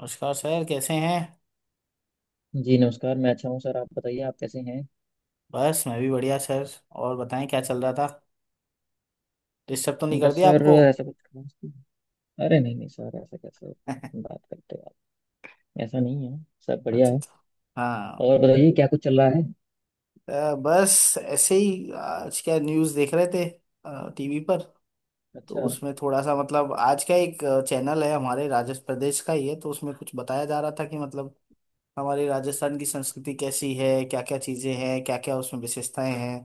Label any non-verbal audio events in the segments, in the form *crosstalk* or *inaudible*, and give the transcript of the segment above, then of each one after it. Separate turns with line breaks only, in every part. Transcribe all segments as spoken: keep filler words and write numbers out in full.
नमस्कार सर कैसे हैं।
जी, नमस्कार। मैं अच्छा हूँ सर। आप बताइए, आप कैसे हैं?
बस मैं भी बढ़िया सर। और बताएं क्या चल रहा था। डिस्टर्ब तो नहीं कर
बस
दिया
सर
आपको
ऐसा कुछ खास नहीं। अरे नहीं नहीं सर, ऐसा कैसे
*laughs*
बात करते हो आप? ऐसा नहीं है। सब बढ़िया
अच्छा
है।
अच्छा। हाँ।
और बताइए क्या कुछ चल रहा है?
अ, बस ऐसे ही आज क्या न्यूज़ देख रहे थे टीवी पर। तो
अच्छा,
उसमें थोड़ा सा मतलब आज का एक चैनल है हमारे राजस्थान प्रदेश का ही है, तो उसमें कुछ बताया जा रहा था कि मतलब हमारे राजस्थान की संस्कृति कैसी है, क्या क्या चीज़ें हैं, क्या क्या उसमें विशेषताएं हैं।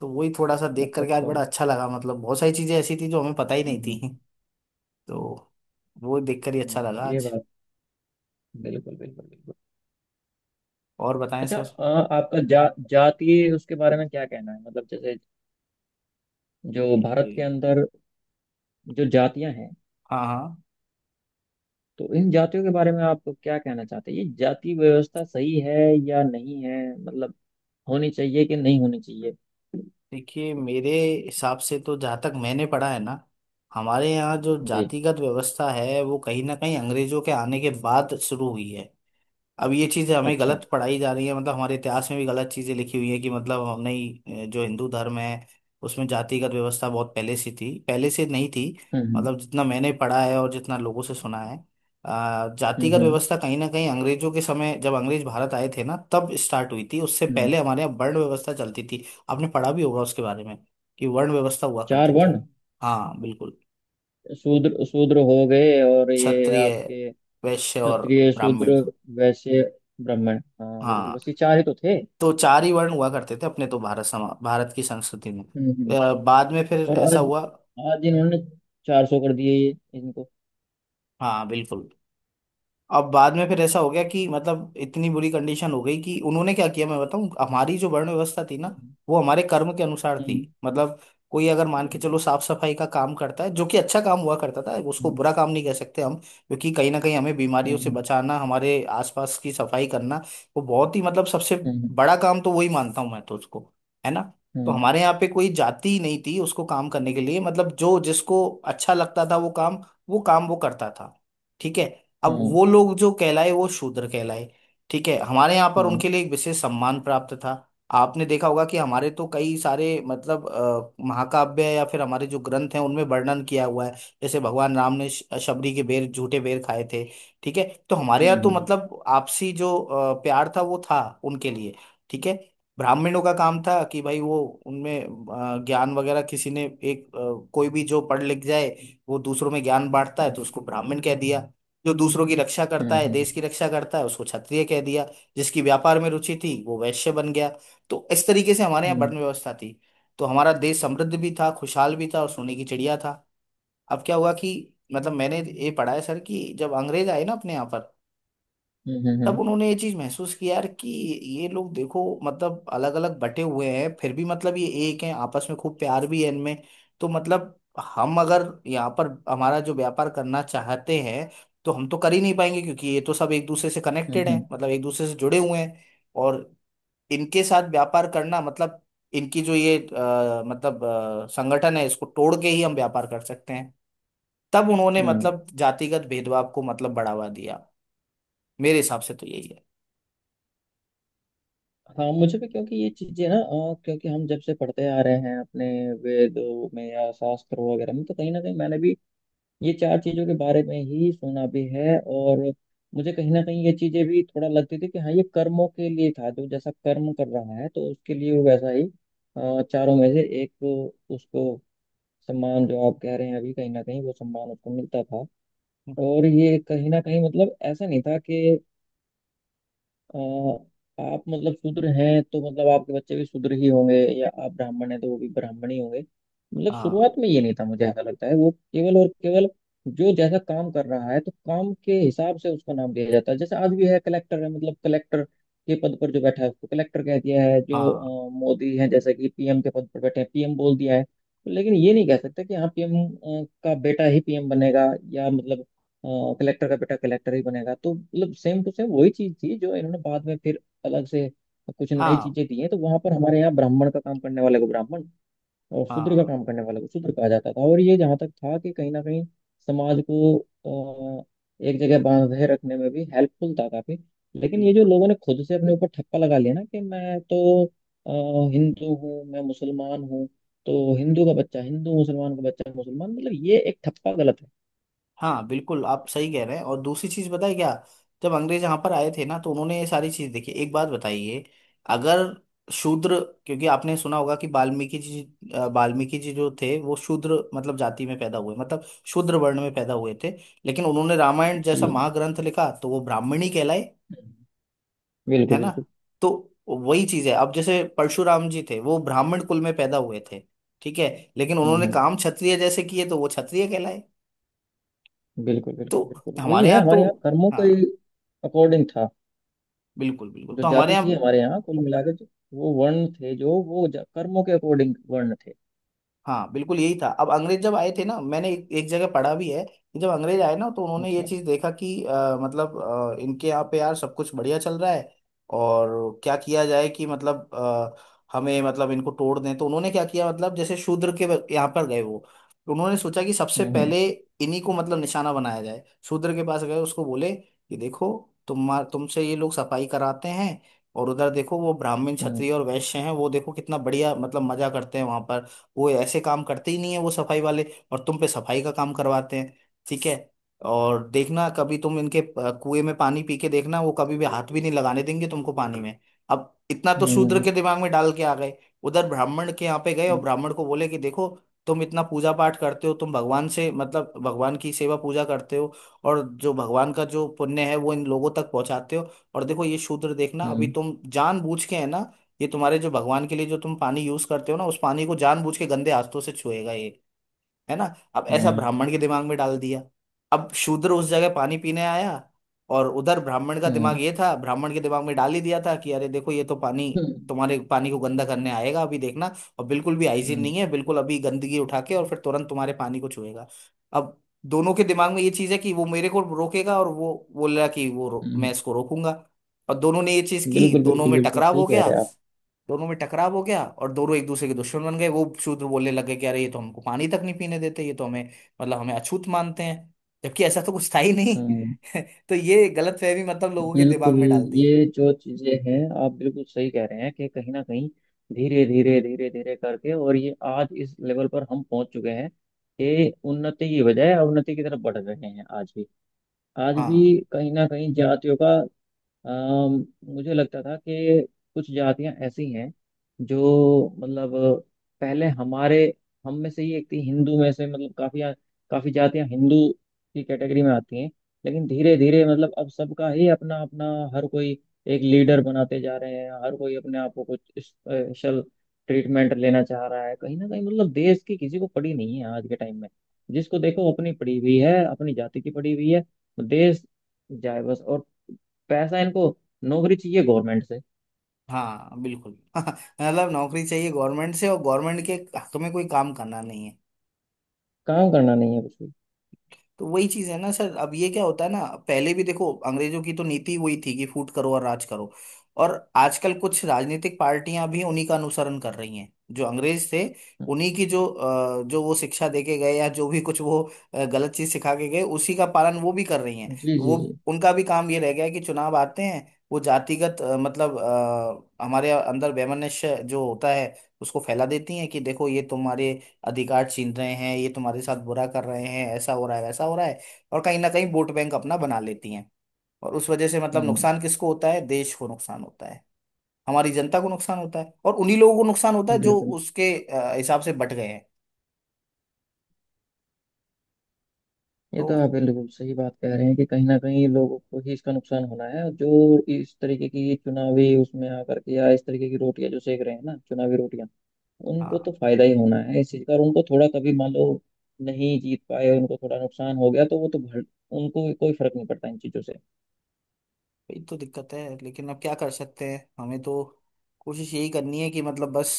तो वही थोड़ा सा देख
अच्छा,
करके आज
अच्छा।
बड़ा अच्छा लगा, मतलब बहुत सारी चीज़ें ऐसी थी जो हमें पता ही नहीं
हम्म
थी। तो वो देखकर ही अच्छा
हम्म।
लगा
ये
आज।
बात बिल्कुल बिल्कुल बिल्कुल।
और बताएं
अच्छा।
सर।
अ, आपका जा जातीय उसके बारे में क्या कहना है, मतलब जैसे जो
ये-
भारत के
ये-
अंदर जो जातियां हैं,
हाँ हाँ।
तो इन जातियों के बारे में आप क्या कहना चाहते हैं? ये जाति व्यवस्था सही है या नहीं है, मतलब होनी चाहिए कि नहीं होनी चाहिए?
देखिए मेरे हिसाब से तो जहाँ तक मैंने पढ़ा है ना, हमारे यहाँ जो
जी।
जातिगत व्यवस्था है वो कहीं ना कहीं अंग्रेजों के आने के बाद शुरू हुई है। अब ये चीज़ें हमें
अच्छा।
गलत पढ़ाई जा रही है, मतलब हमारे इतिहास में भी गलत चीज़ें लिखी हुई है कि मतलब हमने ही, अ, जो हिंदू धर्म है उसमें जातिगत व्यवस्था बहुत पहले से थी, पहले से नहीं थी।
हम्म
मतलब जितना मैंने पढ़ा है और जितना लोगों से सुना है, अ,
हम्म हम्म
जातिगत
हम्म
व्यवस्था कहीं ना कहीं अंग्रेजों के समय जब अंग्रेज भारत आए थे ना तब स्टार्ट हुई थी। उससे
हम्म।
पहले हमारे यहाँ वर्ण व्यवस्था चलती थी। आपने पढ़ा भी होगा उसके बारे में कि वर्ण व्यवस्था हुआ
चार
करती
वर्ण।
थी। हाँ बिल्कुल।
शूद्र शूद्र हो गए, और ये
क्षत्रिय
आपके
वैश्य और
क्षत्रिय,
ब्राह्मण।
शूद्र, वैश्य, ब्राह्मण। हाँ बिल्कुल,
हाँ।
बस ये चार ही तो थे।
तो चार ही वर्ण हुआ करते थे अपने, तो भारत समा भारत की संस्कृति में
हम्म हम्म।
अ, बाद में फिर
और
ऐसा
आज
हुआ।
आज इन्होंने चार सौ कर दिए ये इनको।
हाँ बिल्कुल। अब बाद में फिर ऐसा हो गया कि मतलब इतनी बुरी कंडीशन हो गई कि उन्होंने क्या किया मैं बताऊं। हमारी जो वर्ण व्यवस्था थी ना, वो हमारे कर्म के अनुसार थी।
हम्म
मतलब कोई अगर मान के
हम्म
चलो साफ सफाई का काम करता है, जो कि अच्छा काम हुआ करता था, उसको बुरा काम नहीं कह सकते हम, क्योंकि कहीं ना कहीं हमें बीमारियों से
हम्म
बचाना, हमारे आसपास की सफाई करना, वो बहुत ही मतलब सबसे
हम्म
बड़ा काम तो वही मानता हूँ मैं तो उसको, है ना। तो
हम्म
हमारे यहाँ पे कोई जाति ही नहीं थी उसको काम करने के लिए, मतलब जो जिसको अच्छा लगता था वो काम, वो काम वो करता था। ठीक है। अब
हम्म
वो लोग जो कहलाए वो शूद्र कहलाए। ठीक है। हमारे यहाँ पर
हम्म
उनके लिए एक विशेष सम्मान प्राप्त था। आपने देखा होगा कि हमारे तो कई सारे मतलब अ, महाकाव्य या फिर हमारे जो ग्रंथ हैं उनमें वर्णन किया हुआ है। जैसे भगवान राम ने श- शबरी के बेर, झूठे बेर खाए थे। ठीक है। तो हमारे यहाँ तो
हम्म
मतलब आपसी जो अ, प्यार था वो था उनके लिए। ठीक है। ब्राह्मणों का काम था कि भाई वो उनमें अ, ज्ञान वगैरह किसी ने एक अ, कोई भी जो पढ़ लिख जाए वो दूसरों में ज्ञान बांटता है तो उसको ब्राह्मण कह दिया। जो दूसरों की रक्षा करता
हम्म
है,
हम्म
देश की रक्षा करता है, उसको क्षत्रिय कह दिया। जिसकी व्यापार में रुचि थी वो वैश्य बन गया। तो इस तरीके से हमारे यहाँ
हम्म
वर्ण व्यवस्था थी। तो हमारा देश समृद्ध भी था, खुशहाल भी था, और सोने की चिड़िया था। अब क्या हुआ कि मतलब मैंने ये पढ़ा है सर कि जब अंग्रेज आए ना अपने यहाँ पर,
हम्म हम्म हम्म
तब
हम्म
उन्होंने ये चीज महसूस किया यार कि ये लोग देखो मतलब अलग अलग बटे हुए हैं फिर भी मतलब ये एक हैं, आपस में खूब प्यार भी है इनमें। तो मतलब हम अगर यहाँ पर हमारा जो व्यापार करना चाहते हैं तो हम तो कर ही नहीं पाएंगे क्योंकि ये तो सब एक दूसरे से
हम्म
कनेक्टेड
हम्म
हैं, मतलब एक दूसरे से जुड़े हुए हैं। और इनके साथ व्यापार करना मतलब इनकी जो ये अ, मतलब अ, संगठन है इसको तोड़ के ही हम व्यापार कर सकते हैं। तब उन्होंने
हम्म।
मतलब जातिगत भेदभाव को मतलब बढ़ावा दिया। मेरे हिसाब से तो यही है।
हाँ मुझे भी, क्योंकि ये चीजें ना, अ, क्योंकि हम जब से पढ़ते आ रहे हैं अपने वेदों में या शास्त्रों वगैरह में, तो कहीं ना कहीं मैंने भी ये चार चीजों के बारे में ही सुना भी है। और मुझे कहीं ना कहीं ये चीजें भी थोड़ा लगती थी कि हाँ, ये कर्मों के लिए था, जो जैसा कर्म कर रहा है तो उसके लिए वो वैसा ही अ, चारों में से एक, उसको सम्मान जो आप कह रहे हैं अभी, कहीं ना कहीं वो सम्मान उसको मिलता था। और ये कहीं ना कहीं मतलब ऐसा नहीं था कि अ, आप मतलब शूद्र हैं तो मतलब आपके बच्चे भी शूद्र ही होंगे, या आप ब्राह्मण हैं तो वो भी ब्राह्मण ही होंगे। मतलब
हाँ
शुरुआत में ये नहीं था, मुझे ऐसा लगता है। वो केवल और केवल जो जैसा काम कर रहा है तो काम के हिसाब से उसको नाम दिया जाता है। जैसे आज भी है, कलेक्टर है, मतलब कलेक्टर के पद पर जो बैठा है उसको कलेक्टर कह दिया है। जो
हाँ
अ, मोदी है, जैसे कि पीएम के पद पर बैठे हैं पीएम बोल दिया है। लेकिन ये नहीं कह सकते कि हाँ, पीएम का बेटा ही पीएम बनेगा, या मतलब कलेक्टर का बेटा कलेक्टर ही बनेगा। तो मतलब सेम टू सेम वही चीज थी जो इन्होंने बाद में फिर अलग से कुछ नई
हाँ।
चीजें दी हैं। तो वहां पर हमारे यहाँ ब्राह्मण का काम करने वाले को ब्राह्मण और शूद्र का
हाँ
काम करने वाले को शूद्र कहा जाता था। और ये जहाँ तक था कि कहीं ना कहीं समाज को अ, एक जगह बांधे रखने में भी हेल्पफुल था काफी। लेकिन ये जो
बिल्कुल।
लोगों ने खुद से अपने ऊपर ठप्पा लगा लिया ना कि मैं तो अ, हिंदू हूँ, मैं मुसलमान हूँ, तो हिंदू का बच्चा हिंदू, मुसलमान का बच्चा मुसलमान, मतलब ये एक ठप्पा गलत है।
हाँ बिल्कुल, आप सही कह रहे हैं। और दूसरी चीज बताए क्या, जब अंग्रेज यहाँ पर आए थे ना तो उन्होंने ये सारी चीज देखी। एक बात बताइए, अगर शूद्र, क्योंकि आपने सुना होगा कि वाल्मीकि जी, अ, वाल्मीकि जी जो थे वो शूद्र मतलब जाति में पैदा हुए, मतलब शूद्र वर्ण में पैदा हुए थे। लेकिन उन्होंने रामायण जैसा
जी
महाग्रंथ लिखा तो वो ब्राह्मणी कहलाए।
बिल्कुल
है ना।
बिल्कुल।
तो वही चीज है। अब जैसे परशुराम जी थे वो ब्राह्मण कुल में पैदा हुए थे। ठीक है। लेकिन
हम्म
उन्होंने
हम्म।
काम क्षत्रिय जैसे किए तो वो क्षत्रिय कहलाए।
बिल्कुल
तो
बिल्कुल बिल्कुल वही
हमारे
है,
यहाँ तो,
हमारे यहाँ कर्मों के
हाँ
अकॉर्डिंग था।
बिल्कुल बिल्कुल।
जो
तो हमारे
जाति थी
यहाँ,
हमारे यहाँ, कुल मिलाकर जो वो वर्ण थे, जो वो जा- कर्मों के अकॉर्डिंग वर्ण थे।
हाँ बिल्कुल यही था। अब अंग्रेज जब आए थे ना, मैंने एक, एक जगह पढ़ा भी है कि जब अंग्रेज आए ना तो उन्होंने ये
अच्छा।
चीज देखा कि अ, मतलब अ, इनके यहाँ पे यार सब कुछ बढ़िया चल रहा है और क्या किया जाए कि मतलब अ, हमें मतलब इनको तोड़ दें। तो उन्होंने क्या किया, मतलब जैसे शूद्र के ब- यहाँ पर गए वो, तो उन्होंने सोचा कि सबसे
हम्म
पहले इन्हीं को मतलब निशाना बनाया जाए। शूद्र के पास गए, उसको बोले कि देखो तुम तुमसे ये लोग सफाई कराते हैं, और उधर देखो वो ब्राह्मण
हम्म
क्षत्रिय और वैश्य हैं वो देखो कितना बढ़िया मतलब मजा करते हैं वहां पर, वो ऐसे काम करते ही नहीं है वो सफाई वाले, और तुम पे सफाई का काम करवाते हैं। ठीक है। और देखना कभी तुम इनके अ, कुएं में पानी पी के देखना, वो कभी भी हाथ भी नहीं लगाने देंगे तुमको पानी में। अब इतना तो शूद्र
हम्म
के दिमाग में डाल के आ गए। उधर ब्राह्मण के यहाँ पे गए और
हम्म
ब्राह्मण को बोले कि देखो तुम इतना पूजा पाठ करते हो, तुम भगवान से मतलब भगवान की सेवा पूजा करते हो, और जो भगवान का जो पुण्य है वो इन लोगों तक पहुंचाते हो, और देखो ये शूद्र, देखना अभी
हम्म
तुम जानबूझ के, है ना, ये तुम्हारे जो भगवान के लिए जो तुम पानी यूज करते हो ना, उस पानी को जानबूझ के गंदे हाथों से छुएगा ये, है ना। अब ऐसा
हम्म
ब्राह्मण के दिमाग में डाल दिया। अब शूद्र उस जगह पानी पीने आया, और उधर ब्राह्मण का
हम्म हम्म,
दिमाग ये था, ब्राह्मण के दिमाग में डाल ही दिया था कि अरे देखो ये तो पानी,
हम्म, हम्म,
तुम्हारे पानी को गंदा करने आएगा अभी देखना, और बिल्कुल भी
हम्म,
हाइजीन
हम्म,
नहीं है बिल्कुल, अभी गंदगी उठा के और फिर तुरंत तुम्हारे पानी को छुएगा। अब दोनों के दिमाग में ये चीज है कि वो मेरे को रोकेगा, और वो बोल रहा कि वो रो, मैं
हम्म।
इसको रोकूंगा। और दोनों ने ये चीज की,
बिल्कुल
दोनों
बिल्कुल
में
बिल्कुल,
टकराव
सही
हो
कह
गया।
रहे हैं आप।
दोनों में टकराव हो गया और दोनों एक दूसरे के दुश्मन बन गए। वो शूद्र बोलने लगे कि अरे ये तो हमको पानी तक नहीं पीने देते, ये तो हमें मतलब हमें अछूत मानते हैं, जबकि ऐसा तो कुछ था ही नहीं
हम्म।
*laughs* तो ये गलतफहमी मतलब लोगों के
बिल्कुल।
दिमाग में डाल दी।
ये जो चीजें हैं, आप बिल्कुल सही कह रहे हैं कि कहीं ना कहीं धीरे धीरे धीरे धीरे करके, और ये आज इस लेवल पर हम पहुंच चुके हैं कि उन्नति की बजाय अवनति की तरफ बढ़ रहे हैं आज भी। आज
हाँ
भी कहीं ना कहीं जातियों का अम, मुझे लगता था कि कुछ जातियां ऐसी हैं जो मतलब पहले हमारे हम में से ही एक थी, हिंदू में से, मतलब काफी काफी जातियां हिंदू की कैटेगरी में आती हैं। लेकिन धीरे धीरे मतलब अब सबका ही अपना अपना, हर कोई एक लीडर बनाते जा रहे हैं। हर कोई अपने आप को कुछ स्पेशल ट्रीटमेंट लेना चाह रहा है। कहीं ना कहीं मतलब देश की किसी को पड़ी नहीं है आज के टाइम में। जिसको देखो अपनी पड़ी हुई है, अपनी जाति की पड़ी हुई है। देश जाए बस। और पैसा इनको, नौकरी चाहिए गवर्नमेंट से।
हाँ बिल्कुल *laughs* मतलब नौकरी चाहिए गवर्नमेंट से और गवर्नमेंट के हक में कोई काम करना नहीं है।
काम करना नहीं है कुछ भी।
तो वही चीज है ना सर, अब ये क्या होता है ना, पहले भी देखो अंग्रेजों की तो नीति वही थी कि फूट करो और राज करो, और आजकल कुछ राजनीतिक पार्टियां भी उन्हीं का अनुसरण कर रही हैं जो अंग्रेज थे।
हम्म,
उन्हीं की जो अ, जो वो शिक्षा देके गए या जो भी कुछ वो अ, गलत चीज सिखा के गए उसी का पालन वो भी कर रही हैं।
जी जी
वो
जी।
उनका भी काम ये रह गया है कि चुनाव आते हैं वो जातिगत अ, मतलब अ, हमारे अंदर वैमनस्य जो होता है उसको फैला देती हैं कि देखो ये तुम्हारे अधिकार छीन रहे हैं, ये तुम्हारे साथ बुरा कर रहे हैं, ऐसा हो रहा है वैसा हो रहा है, और कहीं ना कहीं वोट बैंक अपना बना लेती हैं। और उस वजह से मतलब
हम्म।
नुकसान किसको होता है, देश को नुकसान होता है, हमारी जनता को नुकसान होता है, और उन्हीं लोगों को नुकसान होता है जो
बिल्कुल।
उसके अ, हिसाब से बट गए हैं।
ये
तो
तो आप बिल्कुल सही बात कह रहे हैं कि कहीं ना कहीं लोगों को ही इसका नुकसान होना है। जो इस तरीके की चुनावी उसमें आकर के या इस तरीके की रोटियां जो सेक रहे हैं ना चुनावी रोटियां, उनको
हाँ
तो फायदा ही होना है इस चीज का। और उनको थोड़ा, कभी मान लो नहीं जीत पाए, उनको थोड़ा नुकसान हो गया, तो वो तो भर, उनको कोई फर्क नहीं पड़ता इन चीजों से।
वही तो दिक्कत है, लेकिन अब क्या कर सकते हैं, हमें तो कोशिश यही करनी है कि मतलब बस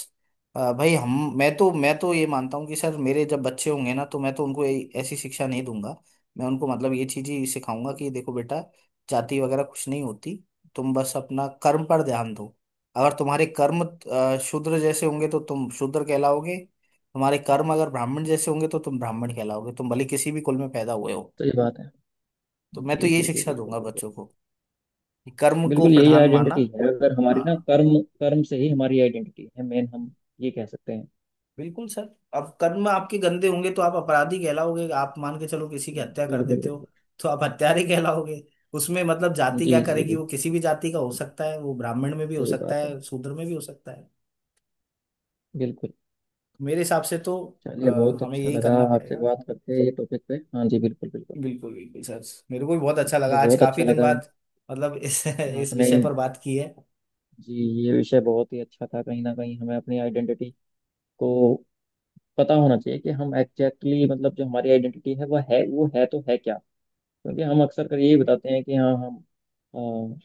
अ, भाई हम मैं तो मैं तो ये मानता हूँ कि सर मेरे जब बच्चे होंगे ना तो मैं तो उनको ए- ऐसी शिक्षा नहीं दूंगा। मैं उनको मतलब ये चीज ही सिखाऊंगा कि देखो बेटा, जाति वगैरह कुछ नहीं होती, तुम बस अपना कर्म पर ध्यान दो। अगर तुम्हारे कर्म अ, शूद्र जैसे होंगे तो तुम शूद्र कहलाओगे, तुम्हारे कर्म अगर ब्राह्मण जैसे होंगे तो तुम ब्राह्मण कहलाओगे, तुम भले किसी भी कुल में पैदा हुए हो।
तो ये बात है।
तो मैं तो
जी
यही
जी जी,
शिक्षा
बिल्कुल
दूंगा
बिल्कुल।
बच्चों को कि कर्म को
बिल्कुल यही
प्रधान माना।
आइडेंटिटी है, अगर हमारी ना,
हाँ
कर्म, कर्म से ही हमारी आइडेंटिटी है, मेन हम ये कह सकते हैं।
बिल्कुल सर। अब कर्म आपके गंदे होंगे तो आप अपराधी कहलाओगे, आप मान के चलो किसी की हत्या कर
बिल्कुल
देते हो
बिल्कुल।
तो आप हत्यारे *laughs* कहलाओगे। उसमें मतलब जाति
जी
क्या
जी
करेगी,
बिल्कुल।
वो किसी भी जाति का हो सकता है, वो ब्राह्मण में भी हो
सही
सकता
बात है।
है शूद्र में भी हो सकता है।
बिल्कुल।
मेरे हिसाब से तो अ,
चलिए, बहुत
हमें
अच्छा
यही
लगा
करना
आपसे
पड़ेगा।
बात करके ये टॉपिक पे। हाँ जी बिल्कुल बिल्कुल।
बिल्कुल बिल्कुल सर। मेरे को भी बहुत अच्छा
मुझे
लगा, आज
बहुत
काफी
अच्छा
दिन
लगा
बाद मतलब इस *laughs* इस
आपने।
विषय पर बात की है।
जी। ये विषय बहुत ही अच्छा था। कहीं ना कहीं हमें अपनी आइडेंटिटी को पता होना चाहिए कि हम एग्जैक्टली exactly, मतलब जो हमारी आइडेंटिटी है वह है वो है तो है क्या। क्योंकि हम अक्सर कर यही बताते हैं कि हाँ हम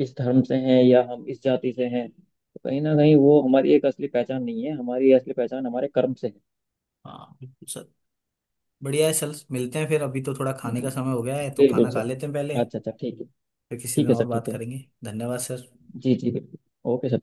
इस धर्म से हैं या हम इस जाति से हैं। तो कहीं ना कहीं वो हमारी एक असली पहचान नहीं है, हमारी असली पहचान हमारे कर्म से है।
हाँ बिल्कुल सर। बढ़िया है सर, मिलते हैं फिर, अभी तो थोड़ा खाने
जी
का समय हो गया है तो
बिल्कुल
खाना खा
सर।
लेते हैं पहले।
अच्छा अच्छा, ठीक है।
फिर किसी
ठीक
दिन
है
और
सर,
बात
ठीक है।
करेंगे, धन्यवाद सर।
जी जी बिल्कुल। Okay sir.